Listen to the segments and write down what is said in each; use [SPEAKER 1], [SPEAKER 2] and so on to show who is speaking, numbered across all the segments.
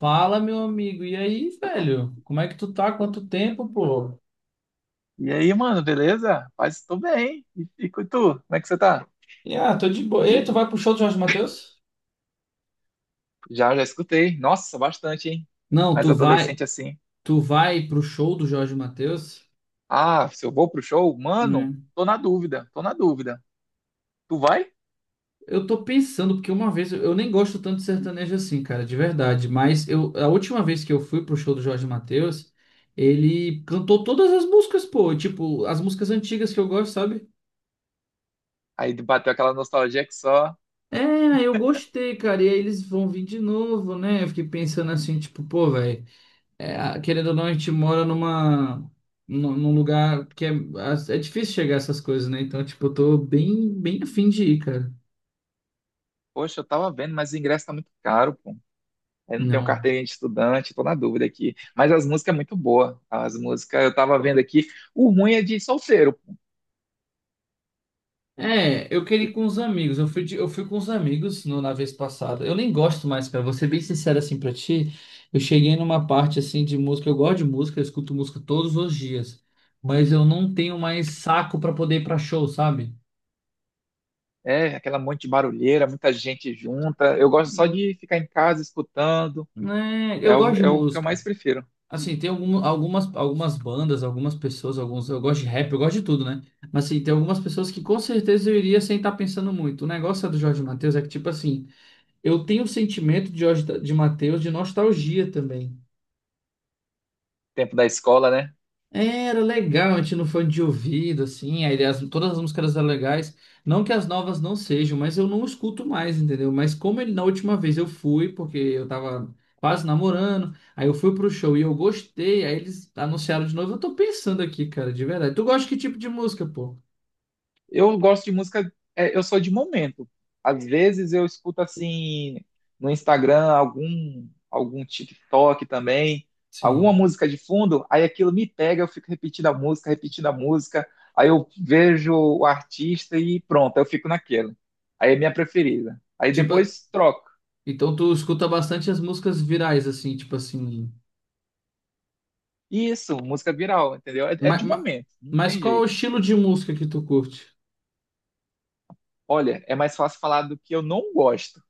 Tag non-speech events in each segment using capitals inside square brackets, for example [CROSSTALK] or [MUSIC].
[SPEAKER 1] Fala, meu amigo. E aí, velho? Como é que tu tá? Quanto tempo, pô?
[SPEAKER 2] E aí, mano, beleza? Paz, tô bem. E tu, como é que você tá?
[SPEAKER 1] Tô de boa. E tu vai pro show do Jorge Mateus?
[SPEAKER 2] Já, já escutei. Nossa, bastante, hein?
[SPEAKER 1] Não,
[SPEAKER 2] Mas
[SPEAKER 1] tu vai,
[SPEAKER 2] adolescente assim.
[SPEAKER 1] tu vai pro show do Jorge Mateus?
[SPEAKER 2] Ah, se eu vou pro show, mano,
[SPEAKER 1] Hum.
[SPEAKER 2] tô na dúvida, tô na dúvida. Tu vai?
[SPEAKER 1] Eu tô pensando, porque uma vez eu nem gosto tanto de sertanejo assim, cara, de verdade. Mas eu, a última vez que eu fui pro show do Jorge Mateus, ele cantou todas as músicas, pô. Tipo, as músicas antigas que eu gosto, sabe?
[SPEAKER 2] Aí bateu aquela nostalgia que só,
[SPEAKER 1] É, eu gostei, cara. E aí eles vão vir de novo, né? Eu fiquei pensando assim, tipo, pô, velho. É, querendo ou não, a gente mora num lugar que é, é difícil chegar a essas coisas, né? Então, tipo, eu tô bem afim de ir, cara.
[SPEAKER 2] poxa, eu tava vendo, mas o ingresso tá muito caro, pô. Eu não tenho
[SPEAKER 1] Não.
[SPEAKER 2] carteirinha de estudante, tô na dúvida aqui. Mas as músicas é muito boa. As músicas eu tava vendo aqui. O ruim é de solteiro, pô.
[SPEAKER 1] É, eu queria ir com os amigos. Eu fui com os amigos na vez passada. Eu nem gosto mais, cara. Vou ser bem sincero assim pra ti. Eu cheguei numa parte assim de música. Eu gosto de música, eu escuto música todos os dias. Mas eu não tenho mais saco pra poder ir pra show, sabe?
[SPEAKER 2] É, aquela monte de barulheira, muita gente junta. Eu gosto só
[SPEAKER 1] Hum.
[SPEAKER 2] de ficar em casa escutando.
[SPEAKER 1] É,
[SPEAKER 2] É
[SPEAKER 1] eu
[SPEAKER 2] o,
[SPEAKER 1] gosto de
[SPEAKER 2] é o que eu
[SPEAKER 1] música.
[SPEAKER 2] mais prefiro.
[SPEAKER 1] Assim, tem algumas bandas, algumas pessoas, alguns. Eu gosto de rap, eu gosto de tudo, né? Mas assim, tem algumas pessoas que com certeza eu iria sem estar pensando muito. O negócio é do Jorge Mateus é que, tipo assim, eu tenho o sentimento de Jorge de Mateus de nostalgia também.
[SPEAKER 2] Tempo da escola, né?
[SPEAKER 1] É, era legal, a gente não foi de ouvido, assim, todas as músicas eram legais. Não que as novas não sejam, mas eu não escuto mais, entendeu? Mas como ele, na última vez eu fui, porque eu tava quase namorando, aí eu fui pro show e eu gostei, aí eles anunciaram de novo. Eu tô pensando aqui, cara, de verdade. Tu gosta de que tipo de música, pô?
[SPEAKER 2] Eu gosto de música, é, eu sou de momento. Às vezes eu escuto assim no Instagram algum TikTok também, alguma
[SPEAKER 1] Sim.
[SPEAKER 2] música de fundo, aí aquilo me pega, eu fico repetindo a música, aí eu vejo o artista e pronto, eu fico naquilo. Aí é minha preferida. Aí
[SPEAKER 1] Tipo,
[SPEAKER 2] depois troco.
[SPEAKER 1] então tu escuta bastante as músicas virais, assim, tipo assim.
[SPEAKER 2] Isso, música viral, entendeu? É
[SPEAKER 1] Mas,
[SPEAKER 2] de momento, não
[SPEAKER 1] mas
[SPEAKER 2] tem
[SPEAKER 1] qual é o
[SPEAKER 2] jeito.
[SPEAKER 1] estilo de música que tu curte?
[SPEAKER 2] Olha, é mais fácil falar do que eu não gosto.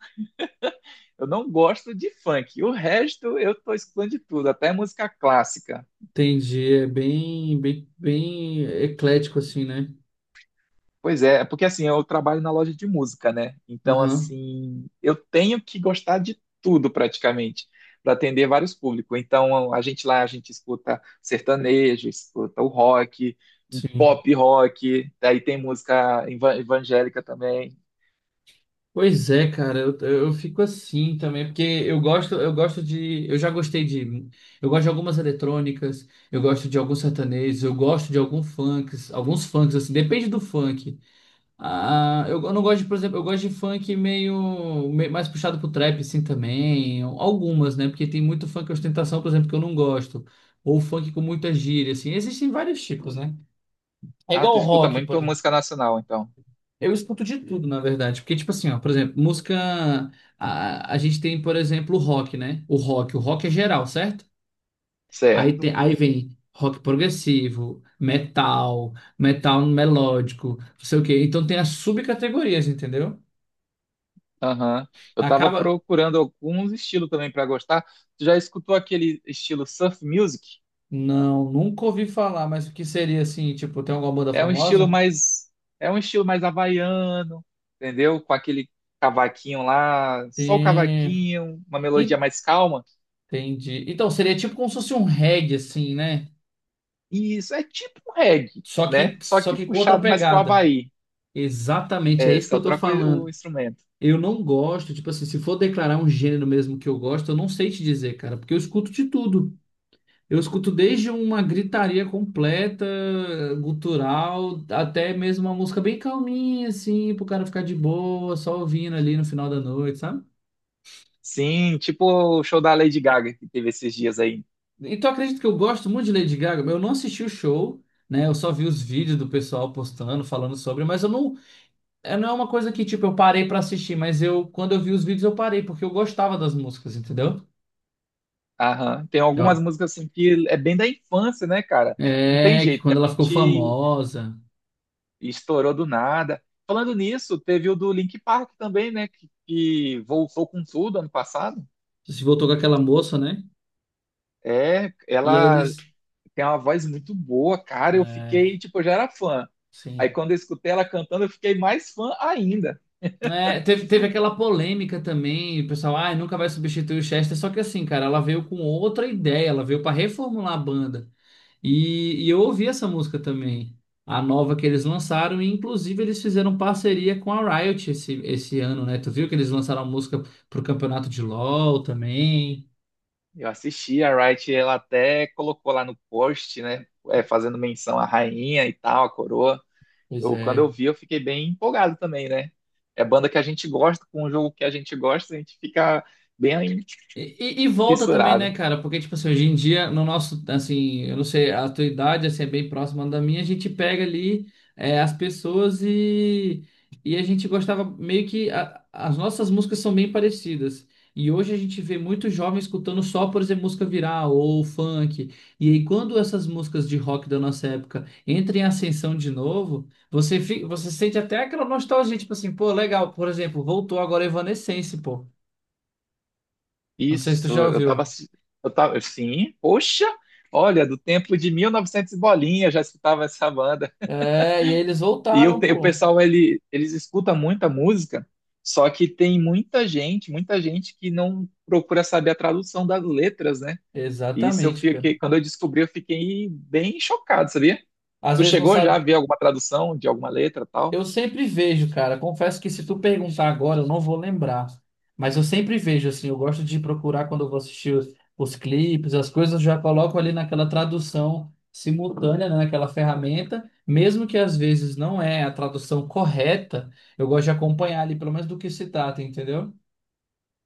[SPEAKER 2] Eu não gosto de funk. O resto eu tô escutando de tudo, até música clássica.
[SPEAKER 1] Entendi, é bem eclético assim, né?
[SPEAKER 2] Pois é porque assim, eu trabalho na loja de música, né? Então,
[SPEAKER 1] Aham,
[SPEAKER 2] assim, eu tenho que gostar de tudo praticamente, para atender vários públicos. Então, a gente lá, a gente escuta sertanejo, escuta o rock, um
[SPEAKER 1] sim.
[SPEAKER 2] pop rock, daí tem música evangélica também.
[SPEAKER 1] Pois é, cara, eu fico assim também, porque eu gosto de, eu já gostei de, eu gosto de algumas eletrônicas, eu gosto de alguns sertanejos, eu gosto de alguns funks assim, depende do funk. Ah, eu não gosto de, por exemplo, eu gosto de funk mais puxado pro trap assim também, algumas, né? Porque tem muito funk ostentação, por exemplo, que eu não gosto, ou funk com muita gíria assim. Existem vários tipos, né? É
[SPEAKER 2] Ah,
[SPEAKER 1] igual
[SPEAKER 2] tu
[SPEAKER 1] o
[SPEAKER 2] escuta
[SPEAKER 1] rock, por
[SPEAKER 2] muito
[SPEAKER 1] exemplo.
[SPEAKER 2] música nacional, então.
[SPEAKER 1] Eu escuto de tudo, na verdade. Porque, tipo assim, ó, por exemplo, música. A gente tem, por exemplo, o rock, né? O rock. O rock é geral, certo? Aí,
[SPEAKER 2] Certo.
[SPEAKER 1] tem... Aí vem rock progressivo, metal, metal melódico, não sei o quê. Então tem as subcategorias, entendeu?
[SPEAKER 2] Aham. Eu tava
[SPEAKER 1] Acaba.
[SPEAKER 2] procurando alguns estilos também para gostar. Tu já escutou aquele estilo surf music?
[SPEAKER 1] Não, nunca ouvi falar, mas o que seria assim, tipo, tem alguma banda
[SPEAKER 2] É um estilo
[SPEAKER 1] famosa?
[SPEAKER 2] mais é um estilo mais havaiano, entendeu? Com aquele cavaquinho lá, só o
[SPEAKER 1] Tem.
[SPEAKER 2] cavaquinho, uma melodia mais calma.
[SPEAKER 1] Entendi. Então, seria tipo como se fosse um reggae, assim, né?
[SPEAKER 2] E isso é tipo um reggae,
[SPEAKER 1] Só
[SPEAKER 2] né?
[SPEAKER 1] que,
[SPEAKER 2] Só
[SPEAKER 1] só
[SPEAKER 2] que
[SPEAKER 1] que com outra
[SPEAKER 2] puxado mais pro
[SPEAKER 1] pegada.
[SPEAKER 2] Havaí.
[SPEAKER 1] Exatamente, é
[SPEAKER 2] É,
[SPEAKER 1] isso que
[SPEAKER 2] só
[SPEAKER 1] eu tô
[SPEAKER 2] troca o
[SPEAKER 1] falando.
[SPEAKER 2] instrumento.
[SPEAKER 1] Eu não gosto, tipo assim, se for declarar um gênero mesmo que eu gosto, eu não sei te dizer, cara, porque eu escuto de tudo. Eu escuto desde uma gritaria completa, gutural, até mesmo uma música bem calminha, assim, pro cara ficar de boa, só ouvindo ali no final da noite, sabe?
[SPEAKER 2] Sim, tipo o show da Lady Gaga que teve esses dias aí.
[SPEAKER 1] Então eu acredito que eu gosto muito de Lady Gaga, eu não assisti o show, né? Eu só vi os vídeos do pessoal postando, falando sobre, mas eu não é, não é uma coisa que, tipo, eu parei pra assistir, mas eu, quando eu vi os vídeos, eu parei, porque eu gostava das músicas, entendeu?
[SPEAKER 2] Aham. Tem algumas
[SPEAKER 1] Ó,
[SPEAKER 2] músicas assim que é bem da infância, né, cara? Não tem
[SPEAKER 1] é, que
[SPEAKER 2] jeito, que
[SPEAKER 1] quando
[SPEAKER 2] a
[SPEAKER 1] ela ficou
[SPEAKER 2] gente
[SPEAKER 1] famosa,
[SPEAKER 2] e estourou do nada. Falando nisso, teve o do Link Park também, né? Que voltou com tudo ano passado.
[SPEAKER 1] se voltou com aquela moça, né?
[SPEAKER 2] É,
[SPEAKER 1] E aí
[SPEAKER 2] ela
[SPEAKER 1] eles.
[SPEAKER 2] tem uma voz muito boa, cara. Eu
[SPEAKER 1] É,
[SPEAKER 2] fiquei, tipo, eu já era fã. Aí
[SPEAKER 1] sim.
[SPEAKER 2] quando eu escutei ela cantando, eu fiquei mais fã ainda.
[SPEAKER 1] É, teve aquela polêmica também, o pessoal, ah, nunca vai substituir o Chester, só que assim, cara, ela veio com outra ideia, ela veio pra reformular a banda. E eu ouvi essa música também, a nova que eles lançaram, e inclusive eles fizeram parceria com a Riot esse ano, né? Tu viu que eles lançaram a música pro campeonato de LoL também?
[SPEAKER 2] Eu assisti a Wright, ela até colocou lá no post, né? Fazendo menção à rainha e tal, à coroa.
[SPEAKER 1] Pois
[SPEAKER 2] Eu, quando eu
[SPEAKER 1] é.
[SPEAKER 2] vi, eu fiquei bem empolgado também, né? É banda que a gente gosta, com um jogo que a gente gosta, a gente fica bem
[SPEAKER 1] E, e volta também, né,
[SPEAKER 2] fissurado.
[SPEAKER 1] cara? Porque, tipo assim, hoje em dia, no nosso, assim, eu não sei, a tua idade, assim, é bem próxima da minha, a gente pega ali é, as pessoas e a gente gostava meio que as nossas músicas são bem parecidas. E hoje a gente vê muitos jovens escutando só, por exemplo, música viral ou funk. E aí, quando essas músicas de rock da nossa época entram em ascensão de novo, você sente até aquela nostalgia, tipo assim, pô, legal, por exemplo, voltou agora Evanescence, pô. Não sei se tu
[SPEAKER 2] Isso,
[SPEAKER 1] já ouviu.
[SPEAKER 2] eu tava, sim, poxa, olha, do tempo de 1900 e novecentos e bolinha, eu já escutava essa banda.
[SPEAKER 1] É, e eles voltaram,
[SPEAKER 2] O
[SPEAKER 1] pô.
[SPEAKER 2] pessoal, eles escutam muita música, só que tem muita gente que não procura saber a tradução das letras, né? E isso eu
[SPEAKER 1] Exatamente, cara.
[SPEAKER 2] fiquei, quando eu descobri, eu fiquei bem chocado, sabia?
[SPEAKER 1] Às
[SPEAKER 2] Tu
[SPEAKER 1] vezes não
[SPEAKER 2] chegou já a
[SPEAKER 1] sabe.
[SPEAKER 2] ver alguma tradução de alguma letra, tal?
[SPEAKER 1] Eu sempre vejo, cara. Confesso que se tu perguntar agora, eu não vou lembrar. Mas eu sempre vejo, assim. Eu gosto de procurar quando eu vou assistir os clipes, as coisas, eu já coloco ali naquela tradução simultânea, né, naquela ferramenta. Mesmo que às vezes não é a tradução correta, eu gosto de acompanhar ali, pelo menos do que se trata, entendeu?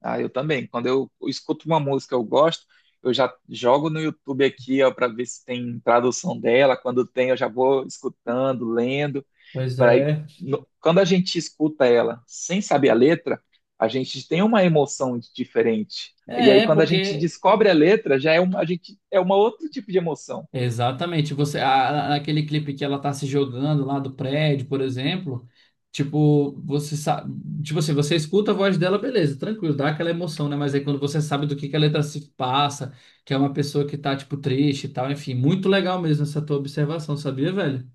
[SPEAKER 2] Ah, eu também. Quando eu escuto uma música que eu gosto, eu já jogo no YouTube aqui, ó, para ver se tem tradução dela. Quando tem, eu já vou escutando, lendo.
[SPEAKER 1] Pois
[SPEAKER 2] Pra aí-
[SPEAKER 1] é.
[SPEAKER 2] no- Quando a gente escuta ela sem saber a letra, a gente tem uma emoção diferente. E aí,
[SPEAKER 1] É,
[SPEAKER 2] quando a gente
[SPEAKER 1] porque
[SPEAKER 2] descobre a letra, já é uma, a gente, é uma outro tipo de emoção.
[SPEAKER 1] Exatamente. Você, naquele clipe que ela tá se jogando lá do prédio, por exemplo, tipo, você sabe, tipo assim, você escuta a voz dela, beleza, tranquilo, dá aquela emoção, né? Mas aí quando você sabe do que a letra se passa, que é uma pessoa que tá, tipo, triste e tal, enfim, muito legal mesmo essa tua observação, sabia, velho?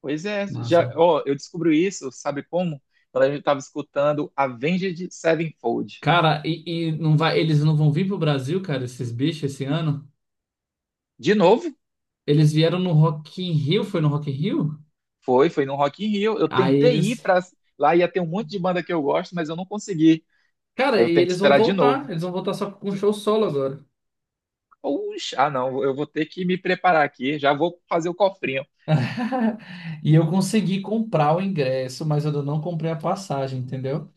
[SPEAKER 2] Pois é, já,
[SPEAKER 1] Massa.
[SPEAKER 2] ó, eu descobri isso, sabe como? Quando a gente estava escutando Avenged Sevenfold.
[SPEAKER 1] Cara, e não vai, eles não vão vir pro Brasil, cara, esses bichos esse ano?
[SPEAKER 2] De novo,
[SPEAKER 1] Eles vieram no Rock in Rio, foi no Rock in Rio?
[SPEAKER 2] foi no Rock in Rio. Eu
[SPEAKER 1] Aí
[SPEAKER 2] tentei ir
[SPEAKER 1] eles,
[SPEAKER 2] para lá, ia ter um monte de banda que eu gosto, mas eu não consegui.
[SPEAKER 1] cara,
[SPEAKER 2] Aí eu
[SPEAKER 1] e
[SPEAKER 2] tenho que esperar de novo.
[SPEAKER 1] eles vão voltar só com um show solo agora.
[SPEAKER 2] Puxa, ah não, eu vou ter que me preparar aqui, já vou fazer o cofrinho.
[SPEAKER 1] [LAUGHS] E eu consegui comprar o ingresso, mas eu não comprei a passagem, entendeu?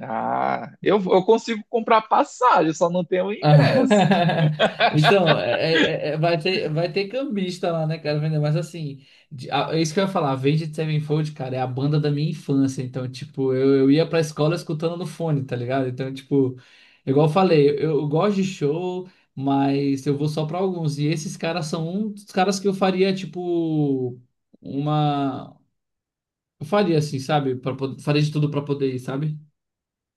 [SPEAKER 2] Ah, eu consigo comprar passagem, só não tenho ingresso.
[SPEAKER 1] [LAUGHS] Então, é- é, vai ter cambista lá, né, cara, vender, mas assim, é isso que eu ia falar, Avenged Sevenfold, cara, é a banda da minha infância, então, tipo, eu ia pra escola escutando no fone, tá ligado? Então, tipo, igual eu falei, eu gosto de show, mas eu vou só pra alguns, e esses caras são um dos caras que eu faria, tipo, uma. Eu faria assim, sabe? Faria de tudo pra poder ir, sabe?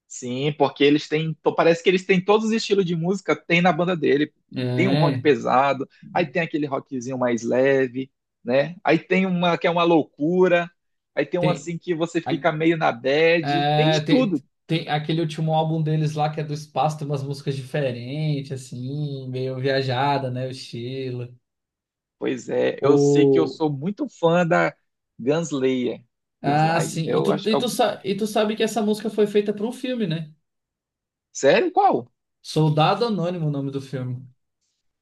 [SPEAKER 2] Sim, porque parece que eles têm todos os estilos de música, tem na banda dele. Tem um rock
[SPEAKER 1] É,
[SPEAKER 2] pesado, aí tem aquele rockzinho mais leve, né? Aí tem uma que é uma loucura, aí tem um
[SPEAKER 1] tem,
[SPEAKER 2] assim que você
[SPEAKER 1] a-
[SPEAKER 2] fica meio na bad, tem
[SPEAKER 1] é,
[SPEAKER 2] de
[SPEAKER 1] tem,
[SPEAKER 2] tudo.
[SPEAKER 1] tem aquele último álbum deles lá que é do espaço, tem umas músicas diferentes, assim, meio viajada, né? O estilo.
[SPEAKER 2] Pois é, eu sei que eu
[SPEAKER 1] O,
[SPEAKER 2] sou muito fã da Gunslayer.
[SPEAKER 1] ah,
[SPEAKER 2] Gunslayer.
[SPEAKER 1] sim.
[SPEAKER 2] Eu acho.
[SPEAKER 1] E tu sabe que essa música foi feita pra um filme, né?
[SPEAKER 2] Sério? Qual?
[SPEAKER 1] Soldado Anônimo, o nome do filme.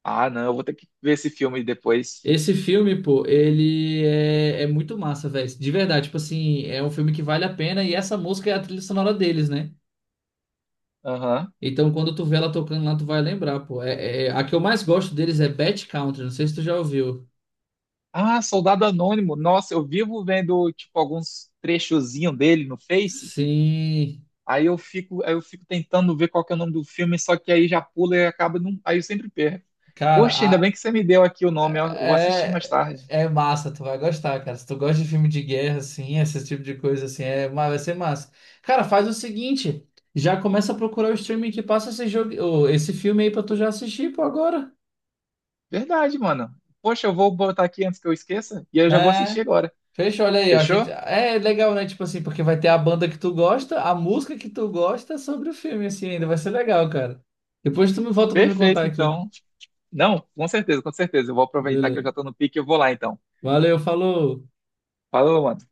[SPEAKER 2] Ah, não, eu vou ter que ver esse filme depois.
[SPEAKER 1] Esse filme, pô, é muito massa, velho. De verdade, tipo assim, é um filme que vale a pena e essa música é a trilha sonora deles, né?
[SPEAKER 2] Aham.
[SPEAKER 1] Então, quando tu vê ela tocando lá, tu vai lembrar, pô. É, a que eu mais gosto deles é Bad Country, não sei se tu já ouviu.
[SPEAKER 2] Ah, Soldado Anônimo. Nossa, eu vivo vendo, tipo, alguns trechozinhos dele no Face.
[SPEAKER 1] Sim,
[SPEAKER 2] Aí eu fico tentando ver qual que é o nome do filme, só que aí já pula e acaba. Aí eu sempre perco.
[SPEAKER 1] cara,
[SPEAKER 2] Poxa, ainda bem
[SPEAKER 1] a-
[SPEAKER 2] que você me deu aqui o nome, eu vou assistir mais
[SPEAKER 1] é,
[SPEAKER 2] tarde.
[SPEAKER 1] é massa, tu vai gostar, cara. Se tu gosta de filme de guerra, assim, esse tipo de coisa, assim, é, vai ser massa. Cara, faz o seguinte, já começa a procurar o streaming que passa esse filme aí pra tu já assistir, pô, agora.
[SPEAKER 2] Verdade, mano. Poxa, eu vou botar aqui antes que eu esqueça e aí eu já vou
[SPEAKER 1] É.
[SPEAKER 2] assistir agora.
[SPEAKER 1] Fechou, olha aí, ó, a gente
[SPEAKER 2] Fechou?
[SPEAKER 1] é legal, né? Tipo assim, porque vai ter a banda que tu gosta, a música que tu gosta sobre o filme, assim, ainda vai ser legal, cara. Depois tu me volta pra me contar
[SPEAKER 2] Perfeito,
[SPEAKER 1] aqui.
[SPEAKER 2] então. Não, com certeza, com certeza. Eu vou aproveitar que eu
[SPEAKER 1] Beleza.
[SPEAKER 2] já estou no pique e eu vou lá, então.
[SPEAKER 1] Valeu, falou.
[SPEAKER 2] Falou, mano.